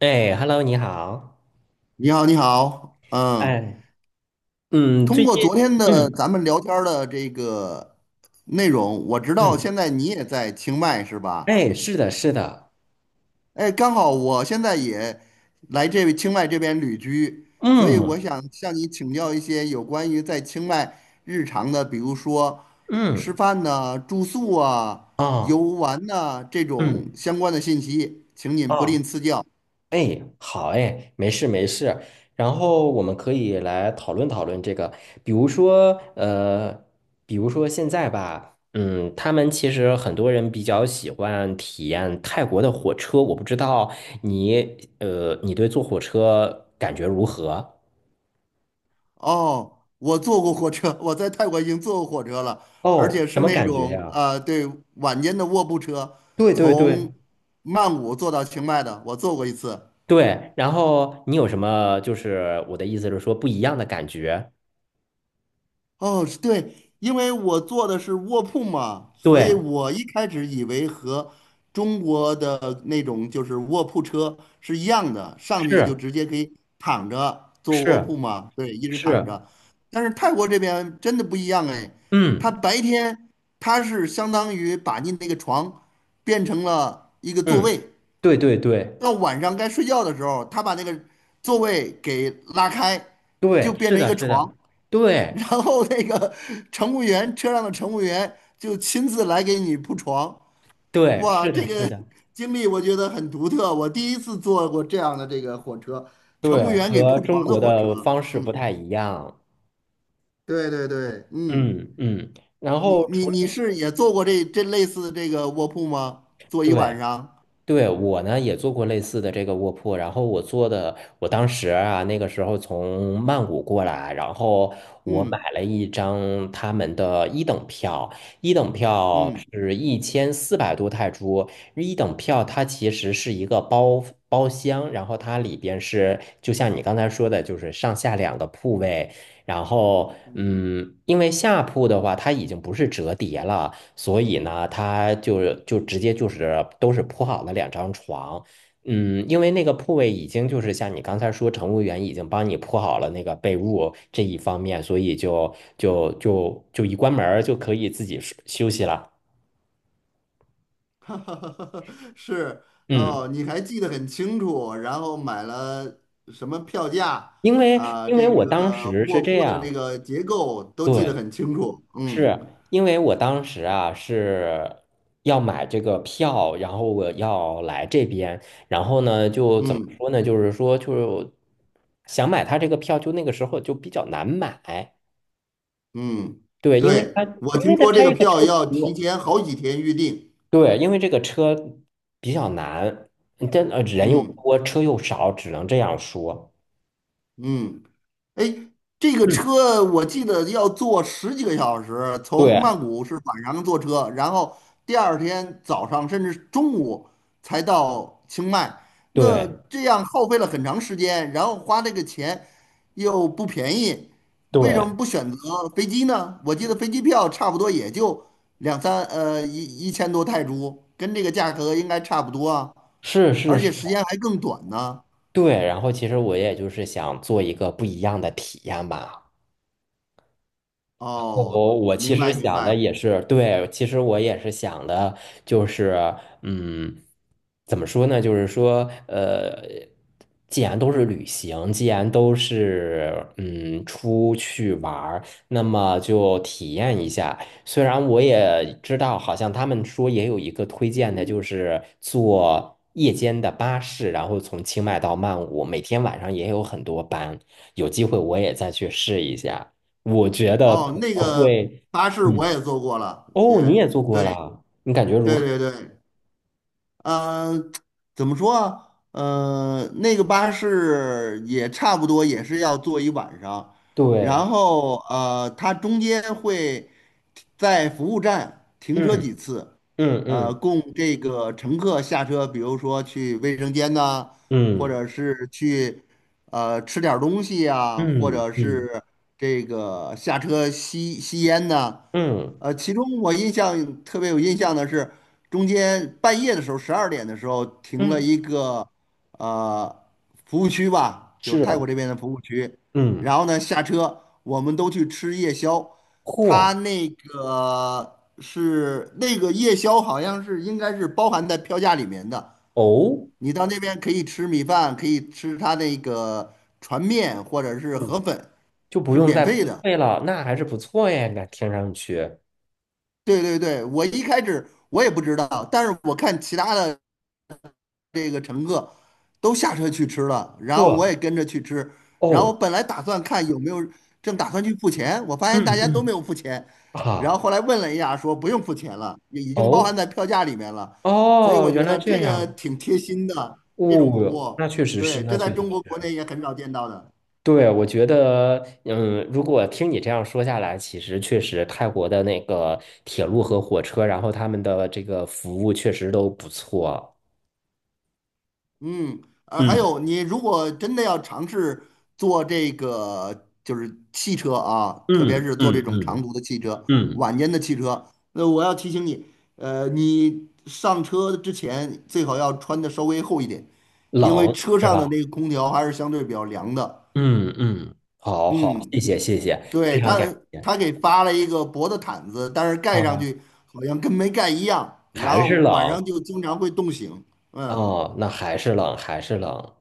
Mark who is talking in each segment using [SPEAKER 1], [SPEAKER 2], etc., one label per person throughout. [SPEAKER 1] 哎，Hello，你好。
[SPEAKER 2] 你好，你好，嗯，
[SPEAKER 1] 哎，嗯，
[SPEAKER 2] 通
[SPEAKER 1] 最近，
[SPEAKER 2] 过昨天的
[SPEAKER 1] 嗯
[SPEAKER 2] 咱们聊天儿的这个内容，我知道
[SPEAKER 1] 嗯，
[SPEAKER 2] 现在你也在清迈是吧？
[SPEAKER 1] 哎，是的，是的，
[SPEAKER 2] 哎，刚好我现在也来这清迈这边旅居，所以我
[SPEAKER 1] 嗯
[SPEAKER 2] 想向你请教一些有关于在清迈日常的，比如说吃
[SPEAKER 1] 嗯，
[SPEAKER 2] 饭呐、住宿啊、游
[SPEAKER 1] 哦，
[SPEAKER 2] 玩呐、这种
[SPEAKER 1] 嗯
[SPEAKER 2] 相关的信息，请您不吝
[SPEAKER 1] 哦，
[SPEAKER 2] 赐教。
[SPEAKER 1] 哎，好，哎，没事没事。然后我们可以来讨论讨论这个，比如说，比如说现在吧，嗯，他们其实很多人比较喜欢体验泰国的火车，我不知道你对坐火车感觉如何？
[SPEAKER 2] 哦，我坐过火车，我在泰国已经坐过火车了，而
[SPEAKER 1] 哦，
[SPEAKER 2] 且
[SPEAKER 1] 什
[SPEAKER 2] 是
[SPEAKER 1] 么
[SPEAKER 2] 那
[SPEAKER 1] 感觉
[SPEAKER 2] 种
[SPEAKER 1] 呀？
[SPEAKER 2] 啊、对，晚间的卧铺车，
[SPEAKER 1] 对对对，
[SPEAKER 2] 从曼谷坐到清迈的，我坐过一次。
[SPEAKER 1] 对，然后你有什么？就是我的意思是说，不一样的感觉。
[SPEAKER 2] 哦，是对，因为我坐的是卧铺嘛，所以
[SPEAKER 1] 对，
[SPEAKER 2] 我一开始以为和中国的那种就是卧铺车是一样的，上去就
[SPEAKER 1] 是
[SPEAKER 2] 直接可以躺着坐卧铺
[SPEAKER 1] 是
[SPEAKER 2] 嘛，对，一直躺
[SPEAKER 1] 是，
[SPEAKER 2] 着。但是泰国这边真的不一样哎，他
[SPEAKER 1] 嗯
[SPEAKER 2] 白天他是相当于把你那个床变成了一个座
[SPEAKER 1] 嗯，
[SPEAKER 2] 位，
[SPEAKER 1] 对对对
[SPEAKER 2] 到晚上该睡觉的时候，他把那个座位给拉开，就
[SPEAKER 1] 对，
[SPEAKER 2] 变
[SPEAKER 1] 是
[SPEAKER 2] 成一
[SPEAKER 1] 的，
[SPEAKER 2] 个
[SPEAKER 1] 是
[SPEAKER 2] 床。
[SPEAKER 1] 的，
[SPEAKER 2] 然
[SPEAKER 1] 对
[SPEAKER 2] 后那个乘务员，车上的乘务员就亲自来给你铺床。
[SPEAKER 1] 对，
[SPEAKER 2] 哇，
[SPEAKER 1] 是的，
[SPEAKER 2] 这
[SPEAKER 1] 是
[SPEAKER 2] 个
[SPEAKER 1] 的，
[SPEAKER 2] 经历我觉得很独特，我第一次坐过这样的这个火车，乘务
[SPEAKER 1] 对，
[SPEAKER 2] 员给
[SPEAKER 1] 和
[SPEAKER 2] 铺
[SPEAKER 1] 中
[SPEAKER 2] 床的
[SPEAKER 1] 国
[SPEAKER 2] 火车。
[SPEAKER 1] 的方式不
[SPEAKER 2] 嗯，
[SPEAKER 1] 太一样。
[SPEAKER 2] 对对对，嗯，
[SPEAKER 1] 嗯嗯，然
[SPEAKER 2] 你
[SPEAKER 1] 后
[SPEAKER 2] 你
[SPEAKER 1] 除
[SPEAKER 2] 你
[SPEAKER 1] 了，
[SPEAKER 2] 是也坐过这类似的这个卧铺吗？坐一
[SPEAKER 1] 对。
[SPEAKER 2] 晚上？
[SPEAKER 1] 对，我呢也做过类似的这个卧铺，然后我做的，我当时啊那个时候从曼谷过来，然后我买
[SPEAKER 2] 嗯
[SPEAKER 1] 了一张他们的一等票，一等票
[SPEAKER 2] 嗯
[SPEAKER 1] 是1400多泰铢，一等票它其实是一个包厢，然后它里边是就像你刚才说的，就是上下两个铺位，然后，
[SPEAKER 2] 嗯。
[SPEAKER 1] 嗯，因为下铺的话，它已经不是折叠了，所以呢，它就是就直接就是都是铺好了两张床。嗯，因为那个铺位已经就是像你刚才说，乘务员已经帮你铺好了那个被褥这一方面，所以就一关门儿就可以自己睡休息了。
[SPEAKER 2] 是哦，
[SPEAKER 1] 嗯，
[SPEAKER 2] 你还记得很清楚，然后买了什么票价
[SPEAKER 1] 因为
[SPEAKER 2] 啊，
[SPEAKER 1] 因为
[SPEAKER 2] 这
[SPEAKER 1] 我当
[SPEAKER 2] 个
[SPEAKER 1] 时是
[SPEAKER 2] 卧
[SPEAKER 1] 这
[SPEAKER 2] 铺的这
[SPEAKER 1] 样，
[SPEAKER 2] 个结构都记得
[SPEAKER 1] 对。
[SPEAKER 2] 很清楚。嗯
[SPEAKER 1] 是因为我当时啊是要买这个票，然后我要来这边，然后呢就怎么
[SPEAKER 2] 嗯
[SPEAKER 1] 说呢？就是说就想买他这个票，就那个时候就比较难买。
[SPEAKER 2] 嗯，
[SPEAKER 1] 对，因为他
[SPEAKER 2] 对，我
[SPEAKER 1] 因
[SPEAKER 2] 听
[SPEAKER 1] 为他
[SPEAKER 2] 说这个
[SPEAKER 1] 这个
[SPEAKER 2] 票
[SPEAKER 1] 车
[SPEAKER 2] 要提
[SPEAKER 1] 多，
[SPEAKER 2] 前好几天预定。
[SPEAKER 1] 对，因为这个车比较难，真人又
[SPEAKER 2] 嗯
[SPEAKER 1] 多，车又少，只能这样说。
[SPEAKER 2] 嗯。哎，这个
[SPEAKER 1] 嗯，
[SPEAKER 2] 车我记得要坐十几个小时，从曼
[SPEAKER 1] 对
[SPEAKER 2] 谷是晚上坐车，然后第二天早上甚至中午才到清迈，那
[SPEAKER 1] 对
[SPEAKER 2] 这样耗费了很长时间，然后花这个钱又不便宜，为什
[SPEAKER 1] 对，
[SPEAKER 2] 么不选择飞机呢？我记得飞机票差不多也就两三呃一一千多泰铢，跟这个价格应该差不多啊，
[SPEAKER 1] 是是
[SPEAKER 2] 而且
[SPEAKER 1] 是，
[SPEAKER 2] 时间还更短呢。
[SPEAKER 1] 对。然后其实我也就是想做一个不一样的体验吧。
[SPEAKER 2] 哦，
[SPEAKER 1] 我其
[SPEAKER 2] 明
[SPEAKER 1] 实
[SPEAKER 2] 白明
[SPEAKER 1] 想的
[SPEAKER 2] 白。
[SPEAKER 1] 也是，对，其实我也是想的，就是，嗯，怎么说呢？就是说，既然都是旅行，既然都是出去玩儿，那么就体验一下。虽然我也知道，好像他们说也有一个推荐的，就是坐夜间的巴士，然后从清迈到曼谷，每天晚上也有很多班，有机会我也再去试一下。我觉得可
[SPEAKER 2] 哦，
[SPEAKER 1] 能
[SPEAKER 2] 那个
[SPEAKER 1] 会，
[SPEAKER 2] 巴士
[SPEAKER 1] 嗯，
[SPEAKER 2] 我也坐过了，也
[SPEAKER 1] 哦，你也做
[SPEAKER 2] 对
[SPEAKER 1] 过啦，你感觉如
[SPEAKER 2] 对
[SPEAKER 1] 何？
[SPEAKER 2] 对对，嗯呃，怎么说啊？那个巴士也差不多，也是要坐一晚上，
[SPEAKER 1] 对，
[SPEAKER 2] 然后它中间会在服务站停车
[SPEAKER 1] 嗯
[SPEAKER 2] 几次，
[SPEAKER 1] 嗯嗯
[SPEAKER 2] 供这个乘客下车，比如说去卫生间呐、或
[SPEAKER 1] 嗯
[SPEAKER 2] 者是去吃点儿东西呀、或
[SPEAKER 1] 嗯
[SPEAKER 2] 者
[SPEAKER 1] 嗯
[SPEAKER 2] 是这个下车吸吸烟呐、
[SPEAKER 1] 嗯
[SPEAKER 2] 其中我印象特别有印象的是，中间半夜的时候，12点的时候停了
[SPEAKER 1] 嗯，
[SPEAKER 2] 一个呃服务区吧，就是
[SPEAKER 1] 是，
[SPEAKER 2] 泰国这边的服务区。然
[SPEAKER 1] 嗯，
[SPEAKER 2] 后呢，下车我们都去吃夜宵，
[SPEAKER 1] 嚯，
[SPEAKER 2] 他那个是那个夜宵好像是应该是包含在票价里面的。
[SPEAKER 1] 哦，
[SPEAKER 2] 你到那边可以吃米饭，可以吃他那个船面或者是
[SPEAKER 1] 嗯
[SPEAKER 2] 河粉，
[SPEAKER 1] 就不
[SPEAKER 2] 是
[SPEAKER 1] 用
[SPEAKER 2] 免
[SPEAKER 1] 再
[SPEAKER 2] 费
[SPEAKER 1] 付
[SPEAKER 2] 的。
[SPEAKER 1] 费了，那还是不错耶，那听上去，
[SPEAKER 2] 对对对，我一开始我也不知道，但是我看其他的这个乘客都下车去吃了，然后
[SPEAKER 1] 嚯，
[SPEAKER 2] 我也跟着去吃，然
[SPEAKER 1] 哦，
[SPEAKER 2] 后本来打算看有没有正打算去付钱，我发现大
[SPEAKER 1] 嗯
[SPEAKER 2] 家都没
[SPEAKER 1] 嗯，
[SPEAKER 2] 有付钱，然后
[SPEAKER 1] 好，
[SPEAKER 2] 后来问了一下，说不用付钱了，也已经包含
[SPEAKER 1] 哦
[SPEAKER 2] 在票价里面了，所以
[SPEAKER 1] 哦，
[SPEAKER 2] 我
[SPEAKER 1] 原
[SPEAKER 2] 觉
[SPEAKER 1] 来
[SPEAKER 2] 得
[SPEAKER 1] 这
[SPEAKER 2] 这个
[SPEAKER 1] 样，
[SPEAKER 2] 挺贴心的，这种服
[SPEAKER 1] 哦，
[SPEAKER 2] 务，
[SPEAKER 1] 那确实是，
[SPEAKER 2] 对，
[SPEAKER 1] 那
[SPEAKER 2] 这在
[SPEAKER 1] 确实
[SPEAKER 2] 中国国
[SPEAKER 1] 是，
[SPEAKER 2] 内也很少见到的。
[SPEAKER 1] 对，我觉得，嗯，如果听你这样说下来，其实确实泰国的那个铁路和火车，然后他们的这个服务确实都不错。
[SPEAKER 2] 嗯，还
[SPEAKER 1] 嗯
[SPEAKER 2] 有你如果真的要尝试坐这个就是汽车啊，特别
[SPEAKER 1] 嗯
[SPEAKER 2] 是坐这
[SPEAKER 1] 嗯
[SPEAKER 2] 种长
[SPEAKER 1] 嗯
[SPEAKER 2] 途的汽车、
[SPEAKER 1] 嗯，
[SPEAKER 2] 晚间的汽车，那我要提醒你，你上车之前最好要穿的稍微厚一点，因为
[SPEAKER 1] 冷
[SPEAKER 2] 车
[SPEAKER 1] 是
[SPEAKER 2] 上的
[SPEAKER 1] 吧？
[SPEAKER 2] 那个空调还是相对比较凉的。
[SPEAKER 1] 嗯嗯，好好，
[SPEAKER 2] 嗯，
[SPEAKER 1] 谢谢谢谢，非
[SPEAKER 2] 对，
[SPEAKER 1] 常
[SPEAKER 2] 他
[SPEAKER 1] 感谢。
[SPEAKER 2] 他给发了一个薄的毯子，但是盖上
[SPEAKER 1] 啊，
[SPEAKER 2] 去好像跟没盖一样，然
[SPEAKER 1] 还
[SPEAKER 2] 后
[SPEAKER 1] 是
[SPEAKER 2] 晚
[SPEAKER 1] 冷，
[SPEAKER 2] 上就经常会冻醒。嗯。
[SPEAKER 1] 哦，那还是冷，还是冷。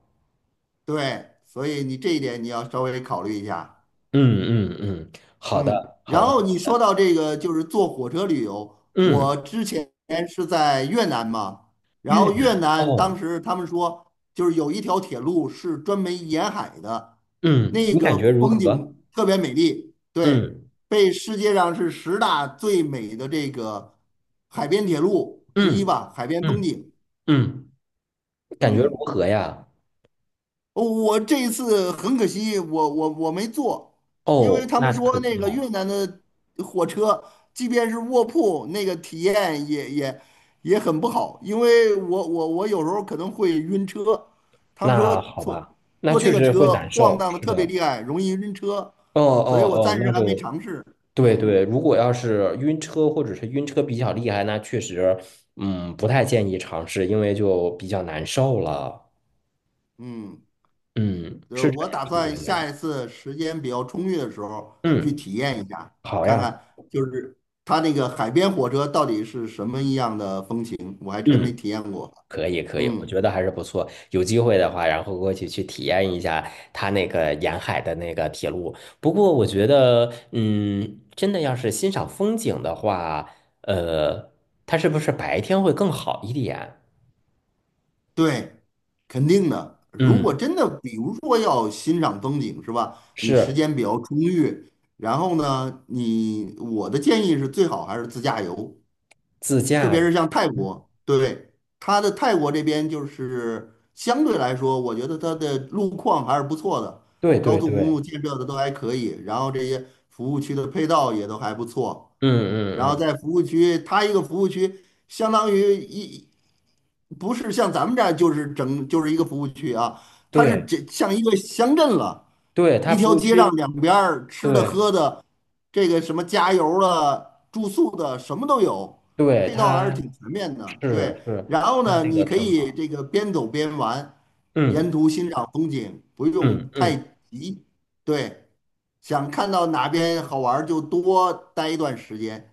[SPEAKER 2] 对，所以你这一点你要稍微考虑一下。
[SPEAKER 1] 嗯嗯嗯，好
[SPEAKER 2] 嗯，
[SPEAKER 1] 的，好
[SPEAKER 2] 然
[SPEAKER 1] 的。
[SPEAKER 2] 后你说到这个就是坐火车旅游，
[SPEAKER 1] 嗯，
[SPEAKER 2] 我之前是在越南嘛，然
[SPEAKER 1] 越
[SPEAKER 2] 后越
[SPEAKER 1] 南
[SPEAKER 2] 南
[SPEAKER 1] 哦，
[SPEAKER 2] 当时他们说就是有一条铁路是专门沿海的，
[SPEAKER 1] 嗯，
[SPEAKER 2] 那
[SPEAKER 1] 你感
[SPEAKER 2] 个
[SPEAKER 1] 觉如
[SPEAKER 2] 风
[SPEAKER 1] 何？
[SPEAKER 2] 景特别美丽，对，
[SPEAKER 1] 嗯
[SPEAKER 2] 被世界上是十大最美的这个海边铁路之一
[SPEAKER 1] 嗯。
[SPEAKER 2] 吧，海边风
[SPEAKER 1] 嗯
[SPEAKER 2] 景。
[SPEAKER 1] 嗯，感觉如
[SPEAKER 2] 嗯。
[SPEAKER 1] 何呀？
[SPEAKER 2] 我这一次很可惜，我没坐，因为
[SPEAKER 1] 哦，
[SPEAKER 2] 他们
[SPEAKER 1] 那可
[SPEAKER 2] 说那
[SPEAKER 1] 惜
[SPEAKER 2] 个
[SPEAKER 1] 了。
[SPEAKER 2] 越南的火车，即便是卧铺，那个体验也很不好，因为我有时候可能会晕车，他们说
[SPEAKER 1] 那好
[SPEAKER 2] 坐
[SPEAKER 1] 吧，那
[SPEAKER 2] 坐这
[SPEAKER 1] 确
[SPEAKER 2] 个
[SPEAKER 1] 实会
[SPEAKER 2] 车
[SPEAKER 1] 难
[SPEAKER 2] 晃
[SPEAKER 1] 受。
[SPEAKER 2] 荡的
[SPEAKER 1] 是
[SPEAKER 2] 特别
[SPEAKER 1] 的。
[SPEAKER 2] 厉害，容易晕车，
[SPEAKER 1] 哦
[SPEAKER 2] 所以我
[SPEAKER 1] 哦哦，
[SPEAKER 2] 暂时
[SPEAKER 1] 那
[SPEAKER 2] 还没
[SPEAKER 1] 就，
[SPEAKER 2] 尝试。
[SPEAKER 1] 对
[SPEAKER 2] 嗯
[SPEAKER 1] 对。如果要是晕车或者是晕车比较厉害，那确实，嗯，不太建议尝试，因为就比较难受了。
[SPEAKER 2] 嗯。
[SPEAKER 1] 嗯，是这
[SPEAKER 2] 我
[SPEAKER 1] 样，
[SPEAKER 2] 打
[SPEAKER 1] 是这
[SPEAKER 2] 算下
[SPEAKER 1] 样。
[SPEAKER 2] 一次时间比较充裕的时候去
[SPEAKER 1] 嗯，
[SPEAKER 2] 体验一下，
[SPEAKER 1] 好
[SPEAKER 2] 看
[SPEAKER 1] 呀。
[SPEAKER 2] 看就是它那个海边火车到底是什么一样的风情，我还真没
[SPEAKER 1] 嗯。
[SPEAKER 2] 体验过。
[SPEAKER 1] 可以可以，我
[SPEAKER 2] 嗯，
[SPEAKER 1] 觉得还是不错。有机会的话，然后过去去体验一下它那个沿海的那个铁路。不过我觉得，嗯，真的要是欣赏风景的话，呃，它是不是白天会更好一点？
[SPEAKER 2] 对，肯定的。如果
[SPEAKER 1] 嗯，
[SPEAKER 2] 真的，比如说要欣赏风景，是吧？你时
[SPEAKER 1] 是
[SPEAKER 2] 间比较充裕，然后呢，你我的建议是最好还是自驾游，
[SPEAKER 1] 自
[SPEAKER 2] 特
[SPEAKER 1] 驾，
[SPEAKER 2] 别是像泰国，对，它的泰国这边就是相对来说，我觉得它的路况还是不错的，
[SPEAKER 1] 对
[SPEAKER 2] 高
[SPEAKER 1] 对
[SPEAKER 2] 速公路
[SPEAKER 1] 对，
[SPEAKER 2] 建设的都还可以，然后这些服务区的配套也都还不错，
[SPEAKER 1] 嗯
[SPEAKER 2] 然
[SPEAKER 1] 嗯
[SPEAKER 2] 后
[SPEAKER 1] 嗯，
[SPEAKER 2] 在服务区，它一个服务区相当于一，不是像咱们这儿就是整就是一个服务区啊，它是
[SPEAKER 1] 对
[SPEAKER 2] 这像一个乡镇了，
[SPEAKER 1] 对，它
[SPEAKER 2] 一
[SPEAKER 1] 服
[SPEAKER 2] 条
[SPEAKER 1] 务
[SPEAKER 2] 街上
[SPEAKER 1] 区，
[SPEAKER 2] 两边儿吃的
[SPEAKER 1] 对
[SPEAKER 2] 喝的，这个什么加油了、住宿的什么都有，
[SPEAKER 1] 对，
[SPEAKER 2] 配套还是
[SPEAKER 1] 它
[SPEAKER 2] 挺全面的。
[SPEAKER 1] 是
[SPEAKER 2] 对，
[SPEAKER 1] 是
[SPEAKER 2] 然后
[SPEAKER 1] 它
[SPEAKER 2] 呢，
[SPEAKER 1] 这
[SPEAKER 2] 你
[SPEAKER 1] 个
[SPEAKER 2] 可
[SPEAKER 1] 挺
[SPEAKER 2] 以
[SPEAKER 1] 好，
[SPEAKER 2] 这个边走边玩，沿
[SPEAKER 1] 嗯
[SPEAKER 2] 途欣赏风景，不用
[SPEAKER 1] 嗯
[SPEAKER 2] 太
[SPEAKER 1] 嗯
[SPEAKER 2] 急。对，想看到哪边好玩儿就多待一段时间，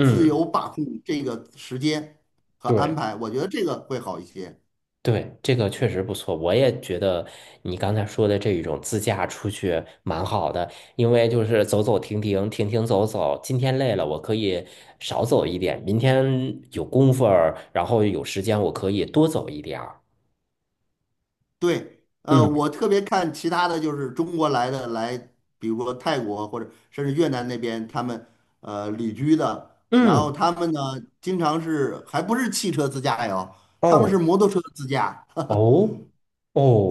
[SPEAKER 2] 自由把控这个时间和安
[SPEAKER 1] 对。
[SPEAKER 2] 排，我觉得这个会好一些。
[SPEAKER 1] 对，这个确实不错，我也觉得你刚才说的这一种自驾出去蛮好的，因为就是走走停停，停停走走，今天累了，我可以少走一点，明天有功夫儿，然后有时间，我可以多走一点儿。
[SPEAKER 2] 对，
[SPEAKER 1] 嗯
[SPEAKER 2] 我特别看其他的就是中国来的来，比如说泰国或者甚至越南那边，他们旅居的，然后
[SPEAKER 1] 嗯，
[SPEAKER 2] 他们呢经常是还不是汽车自驾游，他们是
[SPEAKER 1] 哦
[SPEAKER 2] 摩托车自驾，
[SPEAKER 1] 哦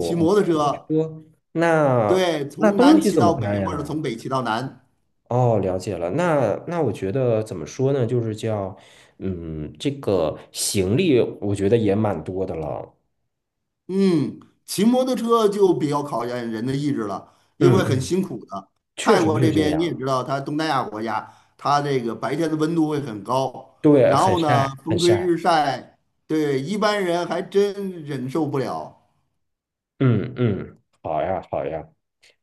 [SPEAKER 2] 骑摩托
[SPEAKER 1] 多
[SPEAKER 2] 车，
[SPEAKER 1] 说，那
[SPEAKER 2] 对，
[SPEAKER 1] 那
[SPEAKER 2] 从
[SPEAKER 1] 东
[SPEAKER 2] 南
[SPEAKER 1] 西
[SPEAKER 2] 骑
[SPEAKER 1] 怎么
[SPEAKER 2] 到北
[SPEAKER 1] 办
[SPEAKER 2] 或者
[SPEAKER 1] 呀？
[SPEAKER 2] 从北骑到南。
[SPEAKER 1] 哦，了解了。那我觉得怎么说呢？就是叫，嗯，这个行李我觉得也蛮多的了。
[SPEAKER 2] 嗯，骑摩托车就比较考验人的意志了，因
[SPEAKER 1] 嗯
[SPEAKER 2] 为很
[SPEAKER 1] 嗯，
[SPEAKER 2] 辛苦的。
[SPEAKER 1] 确
[SPEAKER 2] 泰
[SPEAKER 1] 实
[SPEAKER 2] 国
[SPEAKER 1] 是
[SPEAKER 2] 这
[SPEAKER 1] 这
[SPEAKER 2] 边
[SPEAKER 1] 样。
[SPEAKER 2] 你也知道，它东南亚国家，它这个白天的温度会很高，
[SPEAKER 1] 对，
[SPEAKER 2] 然
[SPEAKER 1] 很
[SPEAKER 2] 后呢，
[SPEAKER 1] 晒，很
[SPEAKER 2] 风吹
[SPEAKER 1] 晒。
[SPEAKER 2] 日晒，对，一般人还真忍受不了。
[SPEAKER 1] 嗯嗯，好呀好呀，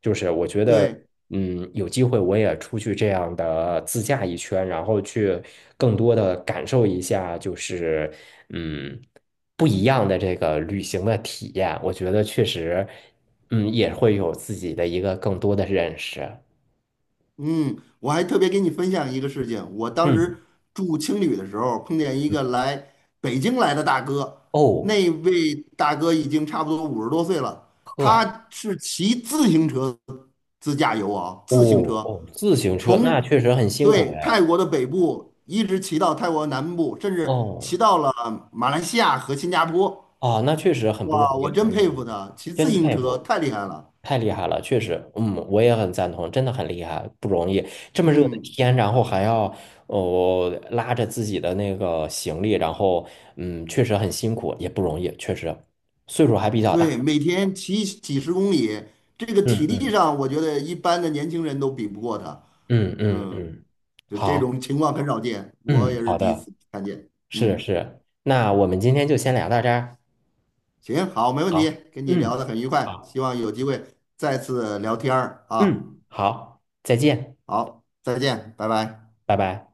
[SPEAKER 1] 就是我觉得，
[SPEAKER 2] 对，
[SPEAKER 1] 嗯，有机会我也出去这样的自驾一圈，然后去更多的感受一下，就是嗯不一样的这个旅行的体验。我觉得确实，嗯，也会有自己的一个更多的认识。
[SPEAKER 2] 嗯，我还特别给你分享一个事情，我当
[SPEAKER 1] 嗯
[SPEAKER 2] 时住青旅的时候，碰见一
[SPEAKER 1] 嗯，
[SPEAKER 2] 个来北京来的大哥，
[SPEAKER 1] 哦，
[SPEAKER 2] 那位大哥已经差不多50多岁了，
[SPEAKER 1] 呵，
[SPEAKER 2] 他是骑自行车。自驾游啊，
[SPEAKER 1] 哦
[SPEAKER 2] 自行车
[SPEAKER 1] 哦，自行车
[SPEAKER 2] 从
[SPEAKER 1] 那确实很辛苦
[SPEAKER 2] 对泰
[SPEAKER 1] 嘞。
[SPEAKER 2] 国的北部一直骑到泰国南部，甚至骑
[SPEAKER 1] 哦。
[SPEAKER 2] 到了马来西亚和新加坡。
[SPEAKER 1] 啊，那确实很不容
[SPEAKER 2] 哇，
[SPEAKER 1] 易，
[SPEAKER 2] 我
[SPEAKER 1] 很
[SPEAKER 2] 真
[SPEAKER 1] 不
[SPEAKER 2] 佩
[SPEAKER 1] 容
[SPEAKER 2] 服
[SPEAKER 1] 易，
[SPEAKER 2] 他，骑自
[SPEAKER 1] 真
[SPEAKER 2] 行
[SPEAKER 1] 佩
[SPEAKER 2] 车
[SPEAKER 1] 服，
[SPEAKER 2] 太厉害了。
[SPEAKER 1] 太厉害了，确实，嗯，我也很赞同，真的很厉害，不容易，这么热的
[SPEAKER 2] 嗯，
[SPEAKER 1] 天，然后还要拉着自己的那个行李，然后确实很辛苦，也不容易，确实，岁数还比较
[SPEAKER 2] 对，
[SPEAKER 1] 大，
[SPEAKER 2] 每天骑几十公里，这个体
[SPEAKER 1] 嗯
[SPEAKER 2] 力
[SPEAKER 1] 嗯
[SPEAKER 2] 上我觉得一般的年轻人都比不过他。
[SPEAKER 1] 嗯嗯
[SPEAKER 2] 嗯，
[SPEAKER 1] 嗯，
[SPEAKER 2] 就这
[SPEAKER 1] 好，
[SPEAKER 2] 种情况很少见，我
[SPEAKER 1] 嗯，
[SPEAKER 2] 也是
[SPEAKER 1] 好
[SPEAKER 2] 第一
[SPEAKER 1] 的，
[SPEAKER 2] 次看见。
[SPEAKER 1] 是
[SPEAKER 2] 嗯，
[SPEAKER 1] 是，那我们今天就先聊到这儿，
[SPEAKER 2] 行，好，没问题，
[SPEAKER 1] 好，
[SPEAKER 2] 跟你聊
[SPEAKER 1] 嗯，
[SPEAKER 2] 得很愉快，
[SPEAKER 1] 好，
[SPEAKER 2] 希望有机会再次聊天儿啊。
[SPEAKER 1] 嗯，好，再见，
[SPEAKER 2] 好，再见，拜拜。
[SPEAKER 1] 拜拜。